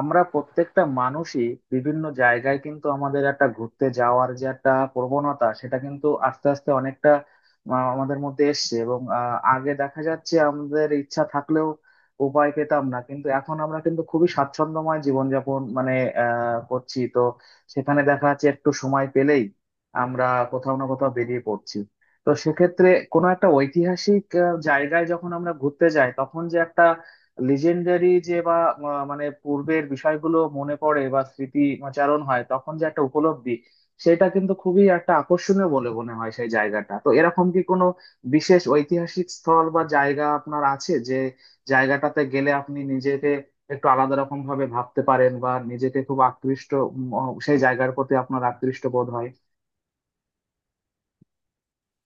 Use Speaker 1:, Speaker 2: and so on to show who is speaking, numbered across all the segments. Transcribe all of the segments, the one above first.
Speaker 1: আমরা প্রত্যেকটা মানুষই বিভিন্ন জায়গায় কিন্তু আমাদের একটা ঘুরতে যাওয়ার যে একটা প্রবণতা সেটা কিন্তু আস্তে আস্তে অনেকটা আমাদের মধ্যে এসছে এবং আগে দেখা যাচ্ছে আমাদের ইচ্ছা থাকলেও উপায় পেতাম না, কিন্তু এখন আমরা কিন্তু খুবই স্বাচ্ছন্দ্যময় জীবনযাপন মানে করছি। তো সেখানে দেখা যাচ্ছে একটু সময় পেলেই আমরা কোথাও না কোথাও বেরিয়ে পড়ছি। তো সেক্ষেত্রে কোনো একটা ঐতিহাসিক জায়গায় যখন আমরা ঘুরতে যাই, তখন যে একটা লিজেন্ডারি যে বা মানে পূর্বের বিষয়গুলো মনে পড়ে বা স্মৃতিচারণ হয়, তখন যে একটা উপলব্ধি সেটা কিন্তু খুবই একটা আকর্ষণীয় বলে মনে হয় সেই জায়গাটা। তো এরকম কি কোনো বিশেষ ঐতিহাসিক স্থল বা জায়গা আপনার আছে যে জায়গাটাতে গেলে আপনি নিজেকে একটু আলাদা রকম ভাবে ভাবতে পারেন বা নিজেকে খুব আকৃষ্ট, উম, সেই জায়গার প্রতি আপনার আকৃষ্ট বোধ হয়?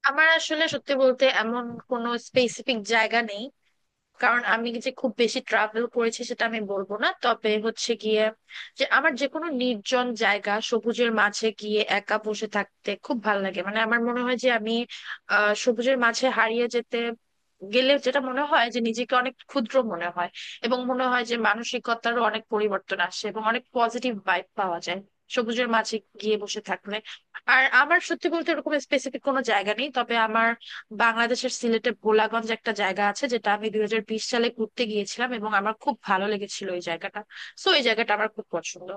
Speaker 2: আমার আসলে সত্যি বলতে এমন কোনো স্পেসিফিক জায়গা নেই। কারণ আমি যে খুব বেশি ট্রাভেল করেছি সেটা আমি বলবো না, তবে হচ্ছে গিয়ে যে আমার যে কোনো নির্জন জায়গা সবুজের মাঝে গিয়ে একা বসে থাকতে খুব ভালো লাগে। মানে আমার মনে হয় যে আমি সবুজের মাঝে হারিয়ে যেতে গেলে যেটা মনে হয় যে নিজেকে অনেক ক্ষুদ্র মনে হয়, এবং মনে হয় যে মানসিকতারও অনেক পরিবর্তন আসে এবং অনেক পজিটিভ ভাইব পাওয়া যায় সবুজের মাঝে গিয়ে বসে থাকলে। আর আমার সত্যি বলতে এরকম স্পেসিফিক কোনো জায়গা নেই, তবে আমার বাংলাদেশের সিলেটে ভোলাগঞ্জ একটা জায়গা আছে, যেটা আমি 2020 সালে ঘুরতে গিয়েছিলাম এবং আমার খুব ভালো লেগেছিল এই জায়গাটা। সো এই জায়গাটা আমার খুব পছন্দ।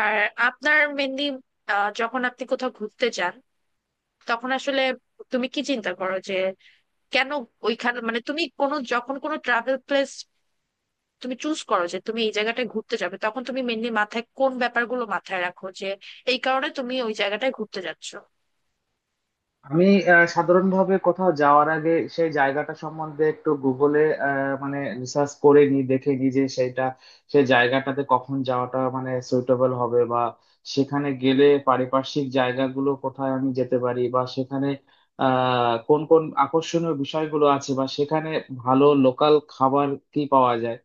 Speaker 2: আর আপনার মেনলি যখন আপনি কোথাও ঘুরতে যান তখন আসলে তুমি কি চিন্তা করো যে কেন ওইখানে, মানে তুমি কোনো যখন কোনো ট্রাভেল প্লেস তুমি চুজ করো যে তুমি এই জায়গাটায় ঘুরতে যাবে, তখন তুমি মেনলি মাথায় কোন ব্যাপারগুলো মাথায় রাখো যে এই কারণে তুমি ওই জায়গাটায় ঘুরতে যাচ্ছ?
Speaker 1: আমি সাধারণভাবে কোথাও যাওয়ার আগে সেই জায়গাটা সম্বন্ধে একটু গুগলে মানে রিসার্চ করে নি, দেখে নি যে সেটা সেই জায়গাটাতে কখন যাওয়াটা মানে সুইটেবল হবে, বা সেখানে গেলে পারিপার্শ্বিক জায়গাগুলো কোথায় আমি যেতে পারি, বা সেখানে কোন কোন আকর্ষণীয় বিষয়গুলো আছে, বা সেখানে ভালো লোকাল খাবার কি পাওয়া যায়।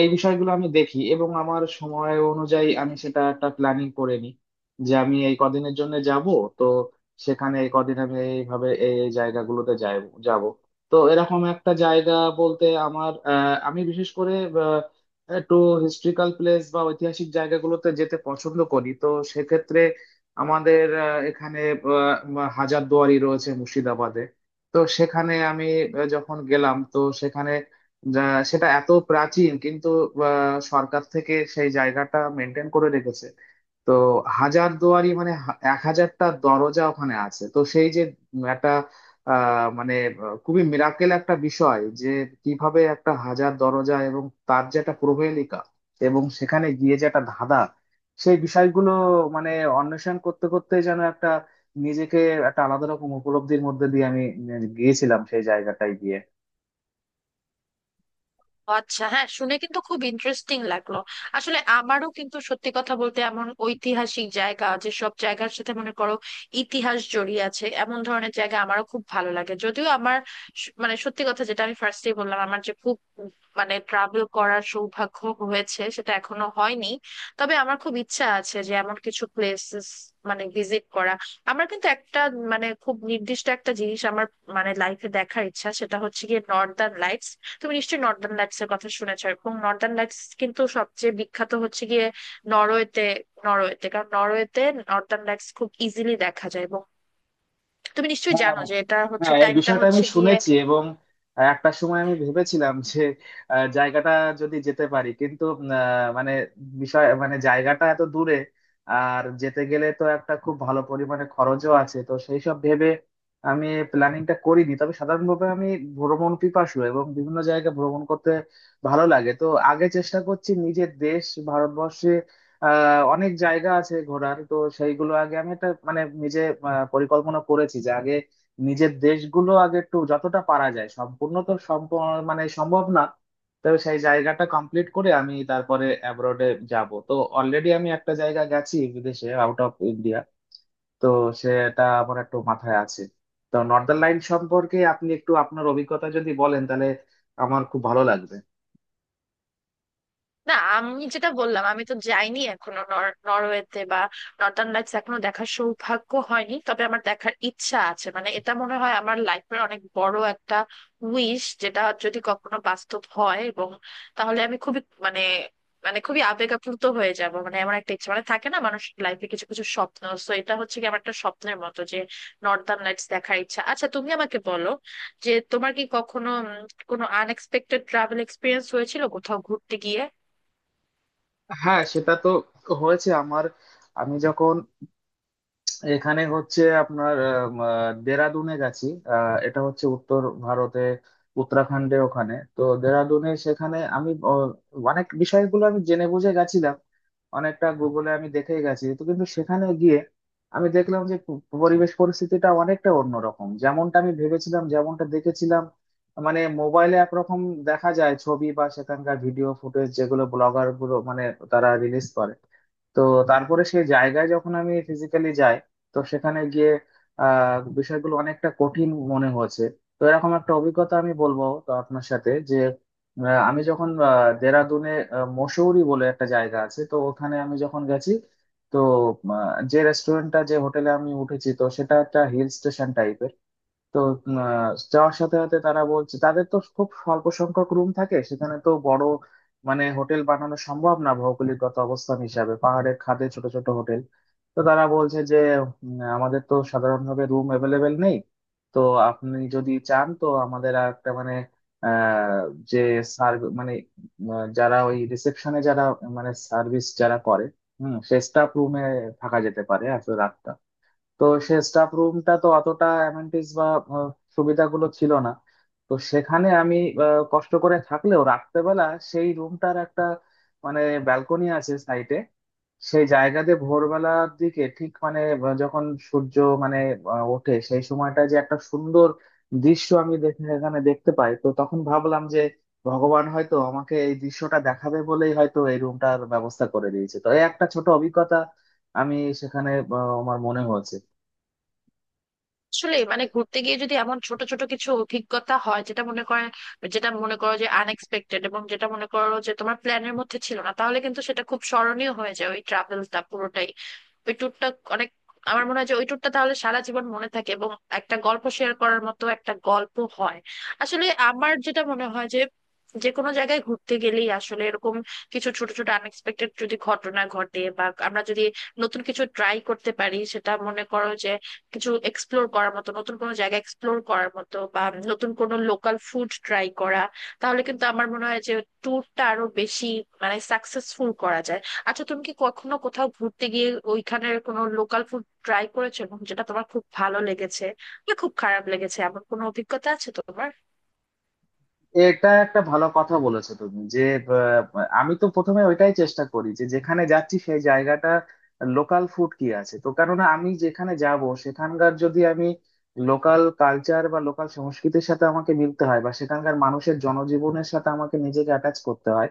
Speaker 1: এই বিষয়গুলো আমি দেখি এবং আমার সময় অনুযায়ী আমি সেটা একটা প্ল্যানিং করে নিই যে আমি এই কদিনের জন্য যাব। তো সেখানে এই কদিন আমি এইভাবে এই এই জায়গাগুলোতে যাই, যাব। তো এরকম একটা জায়গা বলতে আমার আমি বিশেষ করে আহ, একটু হিস্ট্রিক্যাল প্লেস বা ঐতিহাসিক জায়গাগুলোতে যেতে পছন্দ করি। তো সেক্ষেত্রে আমাদের এখানে আহ, হাজারদুয়ারি রয়েছে মুর্শিদাবাদে। তো সেখানে আমি যখন গেলাম তো সেখানে যা- সেটা এত প্রাচীন, কিন্তু সরকার থেকে সেই জায়গাটা মেনটেন করে রেখেছে। তো হাজার দুয়ারি মানে এক হাজারটা দরজা ওখানে আছে। তো সেই যে একটা মানে খুবই মিরাকেল একটা বিষয় যে কিভাবে একটা হাজার দরজা এবং তার যে একটা প্রহেলিকা এবং সেখানে গিয়ে যে একটা ধাঁধা, সেই বিষয়গুলো মানে অন্বেষণ করতে করতে যেন একটা নিজেকে একটা আলাদা রকম উপলব্ধির মধ্যে দিয়ে আমি গিয়েছিলাম সেই জায়গাটায় গিয়ে।
Speaker 2: আচ্ছা, হ্যাঁ, শুনে কিন্তু খুব ইন্টারেস্টিং লাগলো। আসলে আমারও কিন্তু সত্যি কথা বলতে এমন ঐতিহাসিক জায়গা, যেসব জায়গার সাথে মনে করো ইতিহাস জড়িয়ে আছে, এমন ধরনের জায়গা আমারও খুব ভালো লাগে। যদিও আমার মানে সত্যি কথা যেটা আমি ফার্স্টেই বললাম, আমার যে খুব মানে ট্রাভেল করার সৌভাগ্য হয়েছে সেটা এখনো হয়নি। তবে আমার খুব ইচ্ছা আছে যে এমন কিছু প্লেসেস মানে ভিজিট করা। আমার কিন্তু একটা মানে খুব নির্দিষ্ট একটা জিনিস আমার মানে লাইফে দেখার ইচ্ছা, সেটা হচ্ছে গিয়ে নর্দার্ন লাইটস। তুমি নিশ্চয়ই নর্দার্ন লাইটস এর কথা শুনেছো, এবং নর্দার্ন লাইটস কিন্তু সবচেয়ে বিখ্যাত হচ্ছে গিয়ে নরওয়েতে। কারণ নরওয়েতে নর্দার্ন লাইটস খুব ইজিলি দেখা যায়। এবং তুমি নিশ্চয়ই
Speaker 1: হ্যাঁ,
Speaker 2: জানো যে এটা হচ্ছে
Speaker 1: হ্যাঁ, এই
Speaker 2: টাইমটা
Speaker 1: বিষয়টা আমি
Speaker 2: হচ্ছে গিয়ে,
Speaker 1: শুনেছি এবং একটা সময় আমি ভেবেছিলাম যে জায়গাটা যদি যেতে পারি, কিন্তু মানে বিষয় মানে জায়গাটা এত দূরে, আর যেতে গেলে তো একটা খুব ভালো পরিমাণে খরচও আছে। তো সেই সব ভেবে আমি প্ল্যানিংটা করিনি। তবে সাধারণভাবে আমি ভ্রমণ পিপাসু এবং বিভিন্ন জায়গায় ভ্রমণ করতে ভালো লাগে। তো আগে চেষ্টা করছি নিজের দেশ ভারতবর্ষে অনেক জায়গা আছে ঘোরার, তো সেইগুলো আগে আমি একটা মানে নিজে পরিকল্পনা করেছি যে আগে নিজের দেশগুলো আগে একটু যতটা পারা যায় সম্পূর্ণ, তো মানে সম্ভব না, তবে সেই জায়গাটা কমপ্লিট করে আমি তারপরে অ্যাব্রোডে যাব। তো অলরেডি আমি একটা জায়গা গেছি বিদেশে, আউট অফ ইন্ডিয়া। তো সেটা আমার একটু মাথায় আছে। তো নর্দার্ন লাইন সম্পর্কে আপনি একটু আপনার অভিজ্ঞতা যদি বলেন, তাহলে আমার খুব ভালো লাগবে।
Speaker 2: না আমি যেটা বললাম আমি তো যাইনি এখনো নরওয়েতে বা নর্দার্ন লাইটস এখনো দেখার সৌভাগ্য হয়নি। তবে আমার দেখার ইচ্ছা আছে, মানে এটা মনে হয় আমার লাইফের অনেক বড় একটা উইশ, যেটা যদি কখনো বাস্তব হয়, এবং তাহলে আমি খুবই মানে মানে খুবই আবেগ আপ্লুত হয়ে যাব। মানে আমার একটা ইচ্ছা, মানে থাকে না মানুষ লাইফে কিছু কিছু স্বপ্ন, তো এটা হচ্ছে কি আমার একটা স্বপ্নের মতো যে নর্দার্ন লাইটস দেখার ইচ্ছা। আচ্ছা, তুমি আমাকে বলো যে তোমার কি কখনো কোনো আনএক্সপেক্টেড ট্রাভেল এক্সপিরিয়েন্স হয়েছিল কোথাও ঘুরতে গিয়ে?
Speaker 1: হ্যাঁ, সেটা তো হয়েছে আমার। আমি যখন এখানে হচ্ছে আপনার আম, আহ, দেরাদুনে গেছি। এটা হচ্ছে উত্তর ভারতে উত্তরাখণ্ডে। ওখানে তো দেরাদুনে সেখানে আমি অনেক বিষয়গুলো আমি জেনে বুঝে গেছিলাম, অনেকটা গুগলে আমি দেখে গেছি। তো কিন্তু সেখানে গিয়ে আমি দেখলাম যে পরিবেশ পরিস্থিতিটা অনেকটা অন্যরকম যেমনটা আমি ভেবেছিলাম, যেমনটা দেখেছিলাম মানে মোবাইলে একরকম দেখা যায় ছবি বা সেখানকার ভিডিও ফুটেজ যেগুলো ব্লগার গুলো মানে তারা রিলিজ করে। তো তারপরে সেই জায়গায় যখন আমি ফিজিক্যালি যাই, তো সেখানে গিয়ে বিষয়গুলো অনেকটা কঠিন মনে হয়েছে। তো এরকম একটা অভিজ্ঞতা আমি বলবো তো আপনার সাথে যে আমি যখন দেরাদুনে মসৌরি বলে একটা জায়গা আছে তো ওখানে আমি যখন গেছি, তো আহ, যে রেস্টুরেন্টটা যে হোটেলে আমি উঠেছি, তো সেটা একটা হিল স্টেশন টাইপের। তো যাওয়ার সাথে সাথে তারা বলছে তাদের তো খুব স্বল্প সংখ্যক রুম থাকে সেখানে, তো বড় মানে হোটেল বানানো সম্ভব না ভৌগোলিকগত অবস্থান হিসাবে, পাহাড়ের খাদে ছোট ছোট হোটেল। তো তারা বলছে যে আমাদের তো সাধারণভাবে রুম অ্যাভেলেবেল নেই, তো আপনি যদি চান তো আমাদের আর একটা মানে আহ যে সার্ভিস মানে যারা ওই রিসেপশনে যারা মানে সার্ভিস যারা করে, হুম, সে স্টাফ রুমে থাকা যেতে পারে আসলে রাত। তো সে স্টাফ রুমটা তো অতটা অ্যামেনিটিস বা আহ, সুবিধাগুলো ছিল না। তো সেখানে আমি কষ্ট করে থাকলেও রাত্রেবেলা সেই রুমটার একটা মানে ব্যালকনি আছে সাইডে, সেই জায়গা দিয়ে ভোরবেলার দিকে ঠিক মানে যখন সূর্য মানে ওঠে সেই সময়টা যে একটা সুন্দর দৃশ্য আমি দেখে এখানে দেখতে পাই। তো তখন ভাবলাম যে ভগবান হয়তো আমাকে এই দৃশ্যটা দেখাবে বলেই হয়তো এই রুমটার ব্যবস্থা করে দিয়েছে। তো এই একটা ছোট অভিজ্ঞতা আমি সেখানে আমার মনে হয়েছে।
Speaker 2: আসলে মানে ঘুরতে গিয়ে যদি এমন ছোট ছোট কিছু অভিজ্ঞতা হয়, যেটা মনে করো যে আনএক্সপেক্টেড এবং যেটা মনে করো যে তোমার প্ল্যানের মধ্যে ছিল না, তাহলে কিন্তু সেটা খুব স্মরণীয় হয়ে যায় ওই ট্রাভেলটা পুরোটাই, ওই ট্যুরটা। অনেক আমার মনে হয় যে ওই ট্যুরটা তাহলে সারা জীবন মনে থাকে এবং একটা গল্প শেয়ার করার মতো একটা গল্প হয়। আসলে আমার যেটা মনে হয় যে যে কোনো জায়গায় ঘুরতে গেলেই আসলে এরকম কিছু ছোট ছোট আনএক্সপেক্টেড যদি ঘটনা ঘটে, বা আমরা যদি নতুন কিছু ট্রাই করতে পারি, সেটা মনে করো যে কিছু এক্সপ্লোর করার মতো, নতুন কোনো জায়গা এক্সপ্লোর করার মতো, বা নতুন কোনো লোকাল ফুড ট্রাই করা, তাহলে কিন্তু আমার মনে হয় যে ট্যুরটা আরো বেশি মানে সাকসেসফুল করা যায়। আচ্ছা, তুমি কি কখনো কোথাও ঘুরতে গিয়ে ওইখানের কোনো লোকাল ফুড ট্রাই করেছো, এবং যেটা তোমার খুব ভালো লেগেছে বা খুব খারাপ লেগেছে, এমন কোনো অভিজ্ঞতা আছে তোমার?
Speaker 1: এটা একটা ভালো কথা বলেছো তুমি যে আমি তো প্রথমে ওইটাই চেষ্টা করি যে যেখানে যাচ্ছি সেই জায়গাটা লোকাল ফুড কি আছে। তো কেননা আমি যেখানে যাব সেখানকার যদি আমি লোকাল কালচার বা লোকাল সংস্কৃতির সাথে আমাকে মিলতে হয় বা সেখানকার মানুষের জনজীবনের সাথে আমাকে নিজেকে অ্যাটাচ করতে হয়,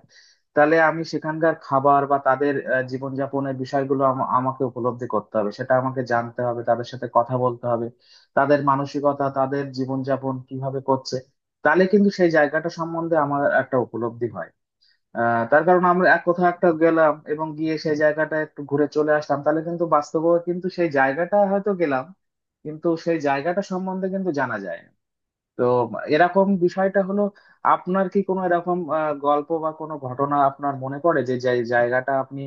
Speaker 1: তাহলে আমি সেখানকার খাবার বা তাদের জীবনযাপনের বিষয়গুলো আমাকে উপলব্ধি করতে হবে, সেটা আমাকে জানতে হবে, তাদের সাথে কথা বলতে হবে, তাদের মানসিকতা তাদের জীবনযাপন কিভাবে করছে। তাহলে কিন্তু সেই জায়গাটা সম্বন্ধে আমার একটা উপলব্ধি হয়। তার কারণ আমরা এক কোথাও একটা গেলাম এবং গিয়ে সেই জায়গাটা একটু ঘুরে চলে আসলাম, তাহলে কিন্তু বাস্তবে কিন্তু সেই জায়গাটা হয়তো গেলাম, কিন্তু সেই জায়গাটা সম্বন্ধে কিন্তু জানা যায় না। তো এরকম বিষয়টা হলো। আপনার কি কোনো এরকম গল্প বা কোনো ঘটনা আপনার মনে পড়ে যে যে জায়গাটা আপনি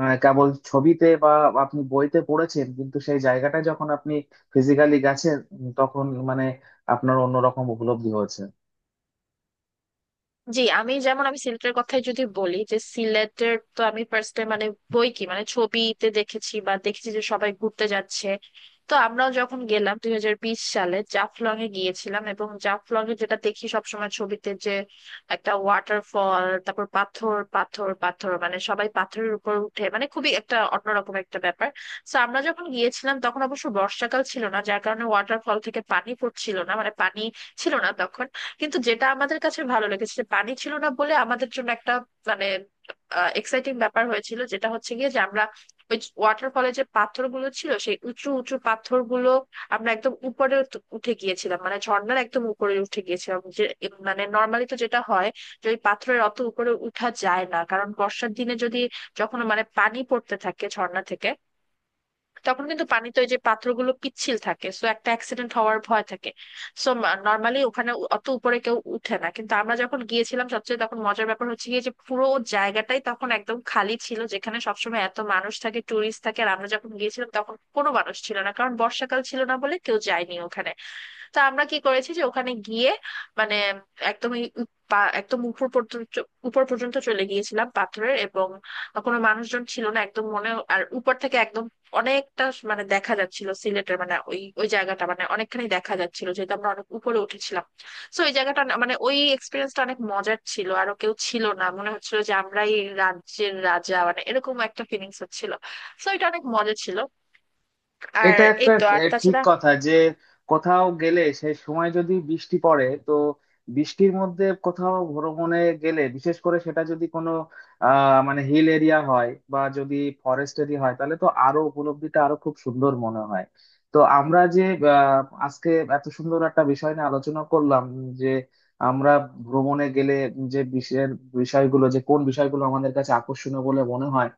Speaker 1: কেবল ছবিতে বা আপনি বইতে পড়েছেন, কিন্তু সেই জায়গাটা যখন আপনি ফিজিক্যালি গেছেন তখন মানে আপনার অন্যরকম উপলব্ধি হয়েছে?
Speaker 2: জি, আমি যেমন আমি সিলেটের কথাই যদি বলি, যে সিলেটের তো আমি ফার্স্ট টাইম মানে বই কি মানে ছবিতে দেখেছি বা দেখেছি যে সবাই ঘুরতে যাচ্ছে। তো আমরাও যখন গেলাম 2020 সালে জাফলং এ গিয়েছিলাম, এবং জাফলং এ যেটা দেখি সবসময় ছবিতে, যে একটা ওয়াটারফল তারপর পাথর পাথর পাথর, মানে সবাই পাথরের উপর উঠে, মানে খুবই একটা অন্যরকম একটা ব্যাপার। তো আমরা যখন গিয়েছিলাম তখন অবশ্য বর্ষাকাল ছিল না, যার কারণে ওয়াটারফল থেকে পানি পড়ছিল না, মানে পানি ছিল না তখন। কিন্তু যেটা আমাদের কাছে ভালো লেগেছে, যে পানি ছিল না বলে আমাদের জন্য একটা মানে এক্সাইটিং ব্যাপার হয়েছিল, যেটা হচ্ছে গিয়ে যে আমরা ওই ওয়াটারফলে যে পাথরগুলো ছিল সেই উঁচু উঁচু পাথরগুলো আমরা একদম উপরে উঠে গিয়েছিলাম, মানে ঝর্ণার একদম উপরে উঠে গিয়েছিলাম। যে মানে নর্মালি তো যেটা হয় যে ওই পাথরের অত উপরে উঠা যায় না, কারণ বর্ষার দিনে যদি যখন মানে পানি পড়তে থাকে ঝর্ণা থেকে, তখন কিন্তু পানিতে ওই যে পাত্রগুলো পিচ্ছিল থাকে, সো একটা অ্যাক্সিডেন্ট হওয়ার ভয় থাকে। সো নর্মালি ওখানে অত উপরে কেউ উঠে না, কিন্তু আমরা যখন গিয়েছিলাম সবচেয়ে তখন মজার ব্যাপার হচ্ছে গিয়ে যে পুরো জায়গাটাই তখন একদম খালি ছিল, যেখানে সবসময় এত মানুষ থাকে টুরিস্ট থাকে, আর আমরা যখন গিয়েছিলাম তখন কোনো মানুষ ছিল না, কারণ বর্ষাকাল ছিল না বলে কেউ যায়নি ওখানে। তা আমরা কি করেছি যে ওখানে গিয়ে মানে একদমই একদম উপর পর্যন্ত, চলে গিয়েছিলাম পাথরের, এবং কোনো মানুষজন ছিল না একদম মনে, আর উপর থেকে একদম অনেকটা মানে দেখা যাচ্ছিল সিলেটের, মানে ওই ওই জায়গাটা মানে অনেকখানি দেখা যাচ্ছিল, যেহেতু আমরা অনেক উপরে উঠেছিলাম। তো ওই জায়গাটা মানে ওই এক্সপিরিয়েন্সটা অনেক মজার ছিল, আর কেউ ছিল না, মনে হচ্ছিল যে আমরাই রাজ্যের রাজা, মানে এরকম একটা ফিলিংস হচ্ছিল। তো এটা অনেক মজা ছিল। আর
Speaker 1: এটা
Speaker 2: এই
Speaker 1: একটা
Speaker 2: তো আর
Speaker 1: এ, ঠিক
Speaker 2: তাছাড়া
Speaker 1: কথা যে কোথাও গেলে সেই সময় যদি বৃষ্টি পড়ে, তো বৃষ্টির মধ্যে কোথাও ভ্রমণে গেলে, বিশেষ করে সেটা যদি কোনো মানে হিল এরিয়া হয় বা যদি ফরেস্ট এরিয়া হয়, তাহলে তো আরো উপলব্ধিটা আরো খুব সুন্দর মনে হয়। তো আমরা যে আজকে এত সুন্দর একটা বিষয় নিয়ে আলোচনা করলাম যে আমরা ভ্রমণে গেলে যে বিষয়ের বিষয়গুলো যে কোন বিষয়গুলো আমাদের কাছে আকর্ষণীয় বলে মনে হয়,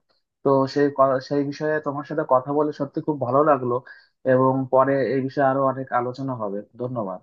Speaker 1: তো সেই বিষয়ে তোমার সাথে কথা বলে সত্যি খুব ভালো লাগলো এবং পরে এই বিষয়ে আরো অনেক আলোচনা হবে। ধন্যবাদ।